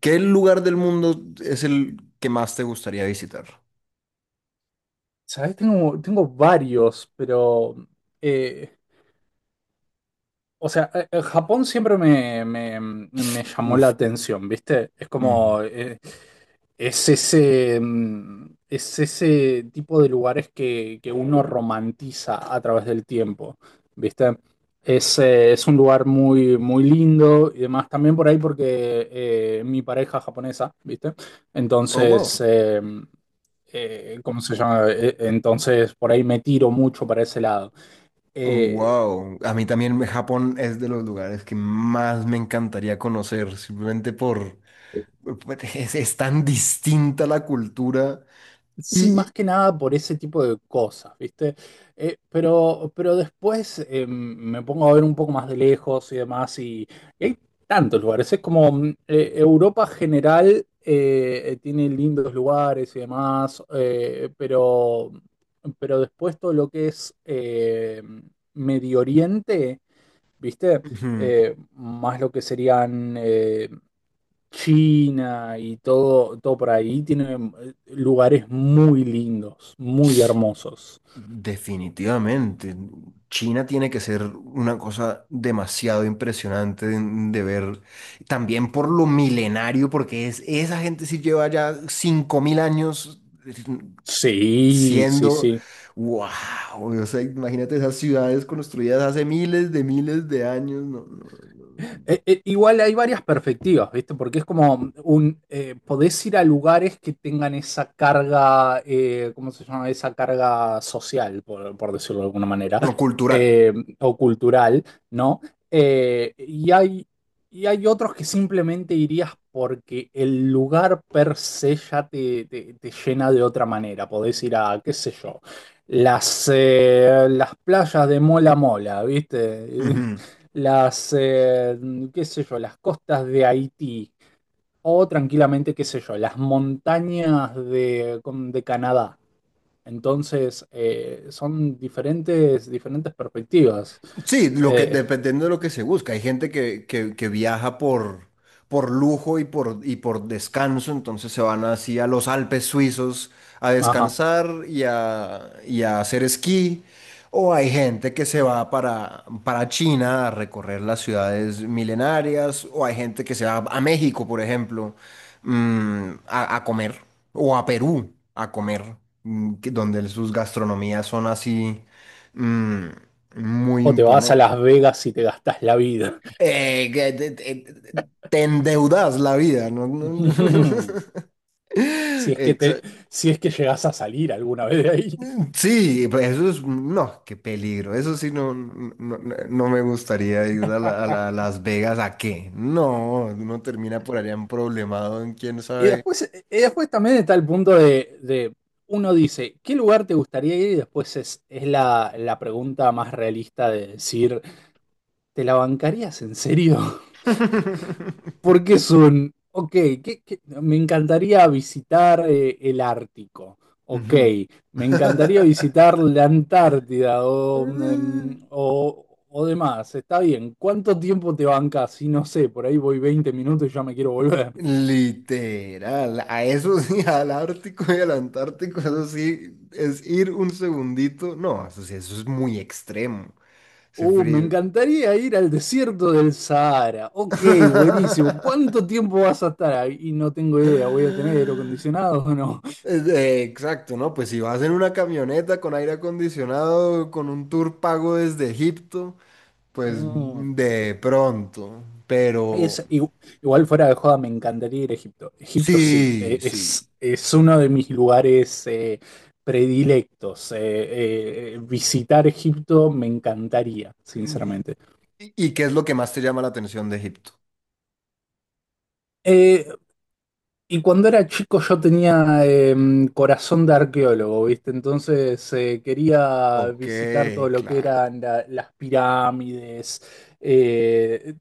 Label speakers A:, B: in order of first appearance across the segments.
A: ¿Qué lugar del mundo es el que más te gustaría visitar?
B: ¿Sabes? Tengo varios, pero eh, o sea, Japón siempre me llamó la
A: Uf.
B: atención, ¿viste? Es
A: Ujú.
B: como, es ese, es ese tipo de lugares que uno romantiza a través del tiempo, ¿viste? Es un lugar muy, muy lindo y demás, también por ahí porque mi pareja es japonesa, ¿viste?
A: Oh,
B: Entonces,
A: wow.
B: ¿cómo se llama? Entonces, por ahí me tiro mucho para ese lado. Eh,
A: Wow. A mí también Japón es de los lugares que más me encantaría conocer, simplemente por... Es tan distinta la cultura.
B: Sí,
A: Y, y-
B: más que nada por ese tipo de cosas, ¿viste? Pero después me pongo a ver un poco más de lejos y demás, y hay tantos lugares. Es como Europa general tiene lindos lugares y demás, pero después todo lo que es Medio Oriente, ¿viste?
A: Ujú.
B: Más lo que serían China y todo, todo por ahí, tiene lugares muy lindos, muy hermosos.
A: Definitivamente. China tiene que ser una cosa demasiado impresionante de ver. También por lo milenario, porque esa gente sí lleva ya 5.000 años
B: Sí, sí,
A: siendo...
B: sí.
A: ¡Wow! O sea, imagínate esas ciudades construidas hace miles de años. No, no, no.
B: Igual hay varias perspectivas, ¿viste? Porque es como podés ir a lugares que tengan esa carga, ¿cómo se llama? Esa carga social, por decirlo de alguna manera,
A: No. Cultural.
B: eh, o cultural, ¿no? Eh, y hay, y hay otros que simplemente irías porque el lugar per se ya te llena de otra manera. Podés ir a, qué sé yo, las playas de Mola Mola, ¿viste?
A: Ujú.
B: las, eh, qué sé yo, las costas de Haití o tranquilamente, qué sé yo, las montañas de, de Canadá. Entonces, son diferentes, diferentes perspectivas.
A: Sí, lo que,
B: Eh,
A: dependiendo de lo que se busca. Hay gente que viaja por lujo y por descanso, entonces se van así a los Alpes suizos a
B: ajá.
A: descansar y a hacer esquí. O hay gente que se va para China a recorrer las ciudades milenarias. O hay gente que se va a México, por ejemplo, mm, a comer. O a Perú a comer, mm, donde sus gastronomías son así. Mm, muy
B: O te vas a
A: imponente.
B: Las Vegas y te gastas la vida.
A: Que te endeudas la vida, ¿no?
B: Si es que te,
A: Exa-
B: si es que llegas a salir alguna vez de ahí.
A: Sí, pues eso es, no, qué peligro. Eso sí, no me gustaría ir a, a Las Vegas a qué. No, uno termina por allá en problemado en quién
B: Y
A: sabe.
B: después, y después también está el punto uno dice, ¿qué lugar te gustaría ir? Y después es la pregunta más realista de decir, ¿te la bancarías en serio? Porque es ok, me encantaría visitar el Ártico, ok,
A: Ujú.
B: me encantaría visitar la Antártida o o, demás, está bien, ¿cuánto tiempo te bancas? Si no sé, por ahí voy 20 minutos y ya me quiero volver.
A: Literal, a eso sí, al Ártico y al Antártico, eso sí, es ir un segundito. No, eso sí, eso es muy extremo, ese
B: Me
A: frío.
B: encantaría ir al desierto del Sahara. Ok, buenísimo. ¿Cuánto tiempo vas a estar ahí? Y no tengo idea. ¿Voy a tener aire acondicionado o no?
A: Exacto, ¿no? Pues si vas en una camioneta con aire acondicionado, con un tour pago desde Egipto, pues
B: Mm.
A: mm, de pronto. Pero
B: Es, igu- igual fuera de joda, me encantaría ir a Egipto. Egipto sí,
A: sí, sí.
B: es uno de mis lugares predilectos. Visitar Egipto me encantaría, sinceramente.
A: Y qué es lo que más te llama la atención de Egipto?
B: Eh, Y cuando era chico yo tenía corazón de arqueólogo, ¿viste? Entonces quería
A: Ok,
B: visitar todo lo que
A: claro.
B: eran las pirámides, eh,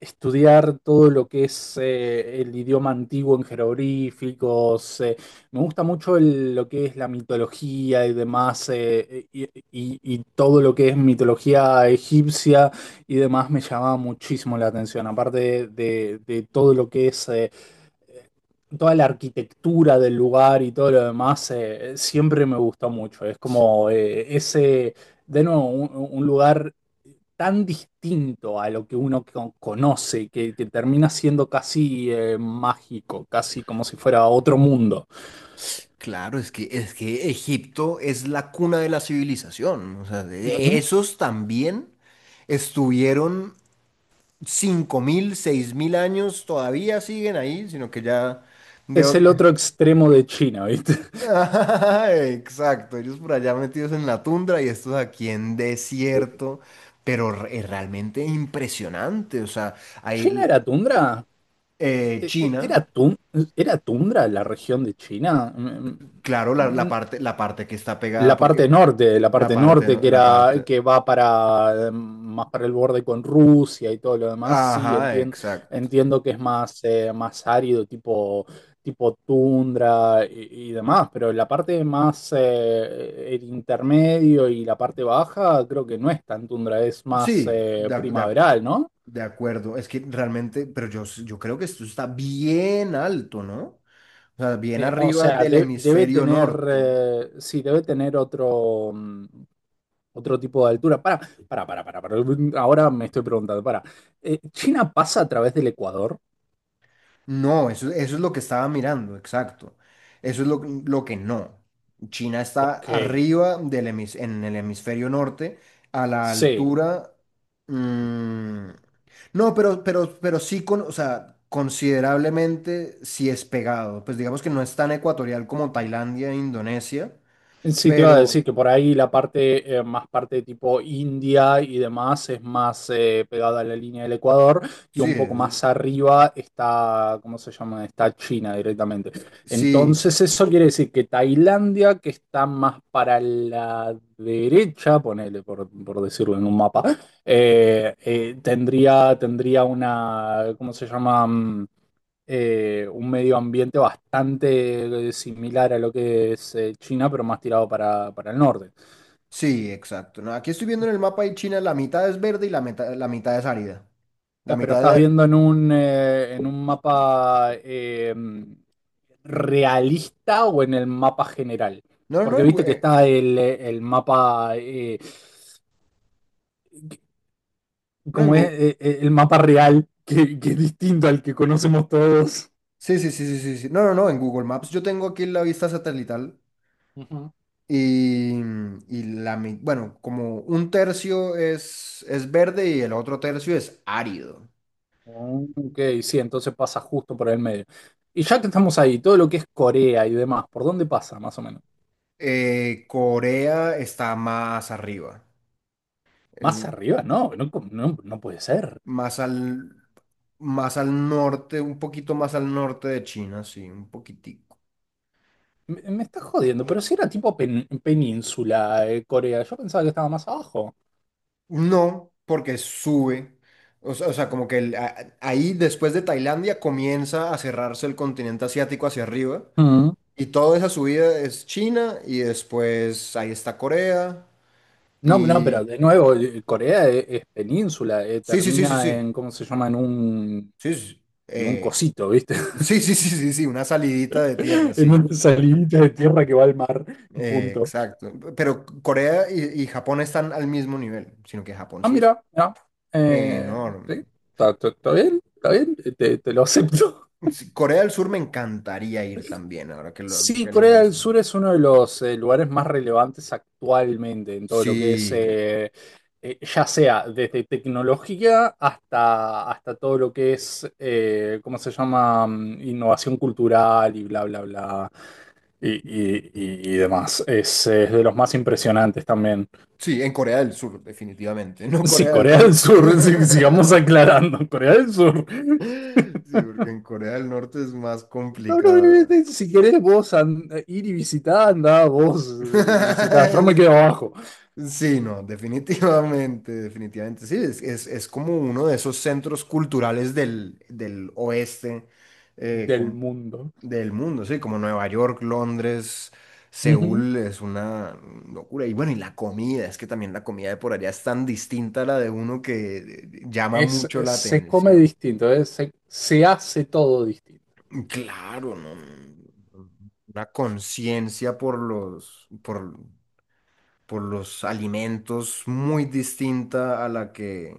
B: estudiar todo lo que es el idioma antiguo en jeroglíficos. Me gusta mucho lo que es la mitología y demás, y todo lo que es mitología egipcia y demás me llamaba muchísimo la atención, aparte de, de todo lo que es toda la arquitectura del lugar y todo lo demás, siempre me gustó mucho. Es como ese, de nuevo, un lugar tan distinto a lo que uno conoce, que termina siendo casi mágico, casi como si fuera otro mundo.
A: Claro, es que Egipto es la cuna de la civilización. O sea,
B: Ujú.
A: esos también estuvieron 5.000, 6.000 años, todavía siguen ahí, sino que ya...
B: Es
A: de-
B: el otro extremo de China, ¿viste?
A: Exacto, ellos por allá metidos en la tundra y estos aquí en desierto, pero es realmente impresionante. O sea,
B: ¿China
A: hay
B: era tundra? E- e- e,
A: China,
B: ¿Era, tun- Era tundra la región de China?
A: claro,
B: Mm,
A: la parte que está pegada, porque
B: la
A: la
B: parte
A: parte,
B: norte que
A: la
B: era
A: parte...
B: que va para más para el borde con Rusia y todo lo demás, sí,
A: Ajá, exacto.
B: entiendo que es más, más árido, tipo, tipo tundra y demás, pero la parte más el intermedio y la parte baja creo que no es tan tundra, es más
A: Sí,
B: primaveral, ¿no?
A: de acuerdo. Es que realmente, pero yo, yo creo que esto está bien alto, ¿no? O sea, bien
B: O
A: arriba
B: sea,
A: del
B: debe
A: hemisferio
B: tener,
A: norte.
B: sí, debe tener otro, otro tipo de altura. Ahora me estoy preguntando, para. ¿China pasa a través del Ecuador?
A: No, eso es lo que estaba mirando, exacto. Eso es lo que no. China está
B: Ok,
A: arriba del en el hemisferio norte, a la
B: sí.
A: altura. Mm, no, pero sí con, o sea, considerablemente sí es pegado. Pues digamos que no es tan ecuatorial como Tailandia e Indonesia.
B: Sí, te iba a
A: Pero
B: decir que por ahí la parte, más parte tipo India y demás es más pegada a la línea del Ecuador y
A: sí,
B: un poco más arriba está, ¿cómo se llama? Está China directamente.
A: sí,
B: Entonces eso quiere decir que Tailandia, que está más para la derecha, ponele por decirlo en un mapa, tendría una, ¿cómo se llama? Un medio ambiente bastante similar a lo que es China, pero más tirado para el norte.
A: sí, exacto. No, aquí estoy viendo en el mapa y China la mitad es verde y la mitad es árida. La
B: Pero
A: mitad
B: estás
A: de...
B: viendo en en un mapa realista o en el mapa general.
A: No, no, no,
B: Porque viste que está el mapa,
A: no en
B: como es
A: Google.
B: El mapa real, que es distinto al que conocemos todos.
A: Sí, sí, sí, sí, sí, sí. No, no, no, en Google Maps yo tengo aquí la vista satelital
B: Ujú.
A: y, bueno, como un tercio es verde y el otro tercio es árido.
B: Ok, sí, entonces pasa justo por el medio. Y ya que estamos ahí, todo lo que es Corea y demás, ¿por dónde pasa más o menos?
A: Corea está más arriba,
B: Más
A: el-
B: arriba, no, no, no, no puede ser.
A: más al... Más al norte, un poquito más al norte de China, sí, un poquitico.
B: Me estás jodiendo, pero si era tipo península de Corea, yo pensaba que estaba más abajo.
A: No, porque sube. O sea, como que ahí después de Tailandia comienza a cerrarse el continente asiático hacia arriba.
B: Mm.
A: Y toda esa subida es China y después ahí está Corea.
B: No, no,
A: Y...
B: pero de nuevo, Corea es, península,
A: Sí, sí, sí, sí,
B: termina
A: sí.
B: en, ¿cómo se llama?
A: Sí, sí,
B: En un cosito, ¿viste?
A: sí, sí, sí, sí, sí, una salidita de tierra,
B: En
A: sí.
B: una salidita de tierra que va al mar y punto.
A: Exacto. Pero Corea y Japón están al mismo nivel, sino que Japón
B: Ah,
A: sí es
B: mira, mira, eh, sí,
A: enorme.
B: está, está bien, te, te lo acepto.
A: Sí, Corea del Sur me encantaría ir también, ahora
B: Sí,
A: que lo
B: Corea del
A: menciono.
B: Sur es uno de los lugares más relevantes actualmente en todo lo que es,
A: Sí,
B: ya sea desde tecnología hasta, hasta todo lo que es, ¿cómo se llama? Innovación cultural y bla, bla, bla, y demás. Es de los más impresionantes también.
A: sí, en Corea del Sur, definitivamente, no
B: Sí,
A: Corea del
B: Corea del
A: Norte.
B: Sur, sí, sigamos aclarando, Corea del Sur.
A: Sí, porque en Corea del Norte es más
B: No, no,
A: complicado.
B: si querés vos ir y visitar, andá vos y visitá, yo me quedo abajo.
A: Sí, no, definitivamente, definitivamente. Sí, es como uno de esos centros culturales del, del oeste, eh,
B: Del mundo.
A: del mundo, sí, como Nueva York, Londres,
B: Ujú.
A: Seúl es una locura. Y bueno, y la comida, es que también la comida de por allá es tan distinta a la de uno que llama
B: Es,
A: mucho la
B: se come
A: atención.
B: distinto, se, se hace todo distinto.
A: Claro, no, no, una conciencia por los alimentos muy distinta a la que...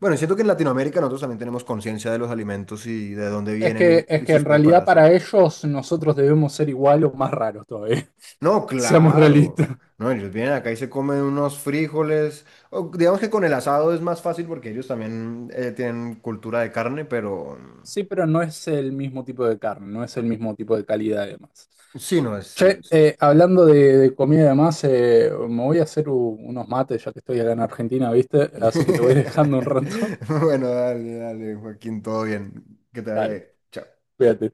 A: Bueno, siento que en Latinoamérica nosotros también tenemos conciencia de los alimentos y de dónde vienen y
B: Es
A: y
B: que
A: sus
B: en realidad
A: preparaciones.
B: para ellos nosotros debemos ser igual o más raros todavía,
A: No,
B: seamos
A: claro.
B: realistas.
A: No, ellos vienen acá y se comen unos frijoles. O digamos que con el asado es más fácil porque ellos también tienen cultura de carne, pero mm,
B: Sí, pero no es el mismo tipo de carne, no es el mismo tipo de calidad además.
A: sí, no es,
B: Che,
A: es-
B: hablando de comida y demás, me voy a hacer unos mates ya que estoy acá en Argentina, ¿viste? Así que te voy dejando un rato.
A: Bueno, dale, dale, Joaquín, todo bien. Que te vaya
B: Dale,
A: bien. Chao.
B: cuídate.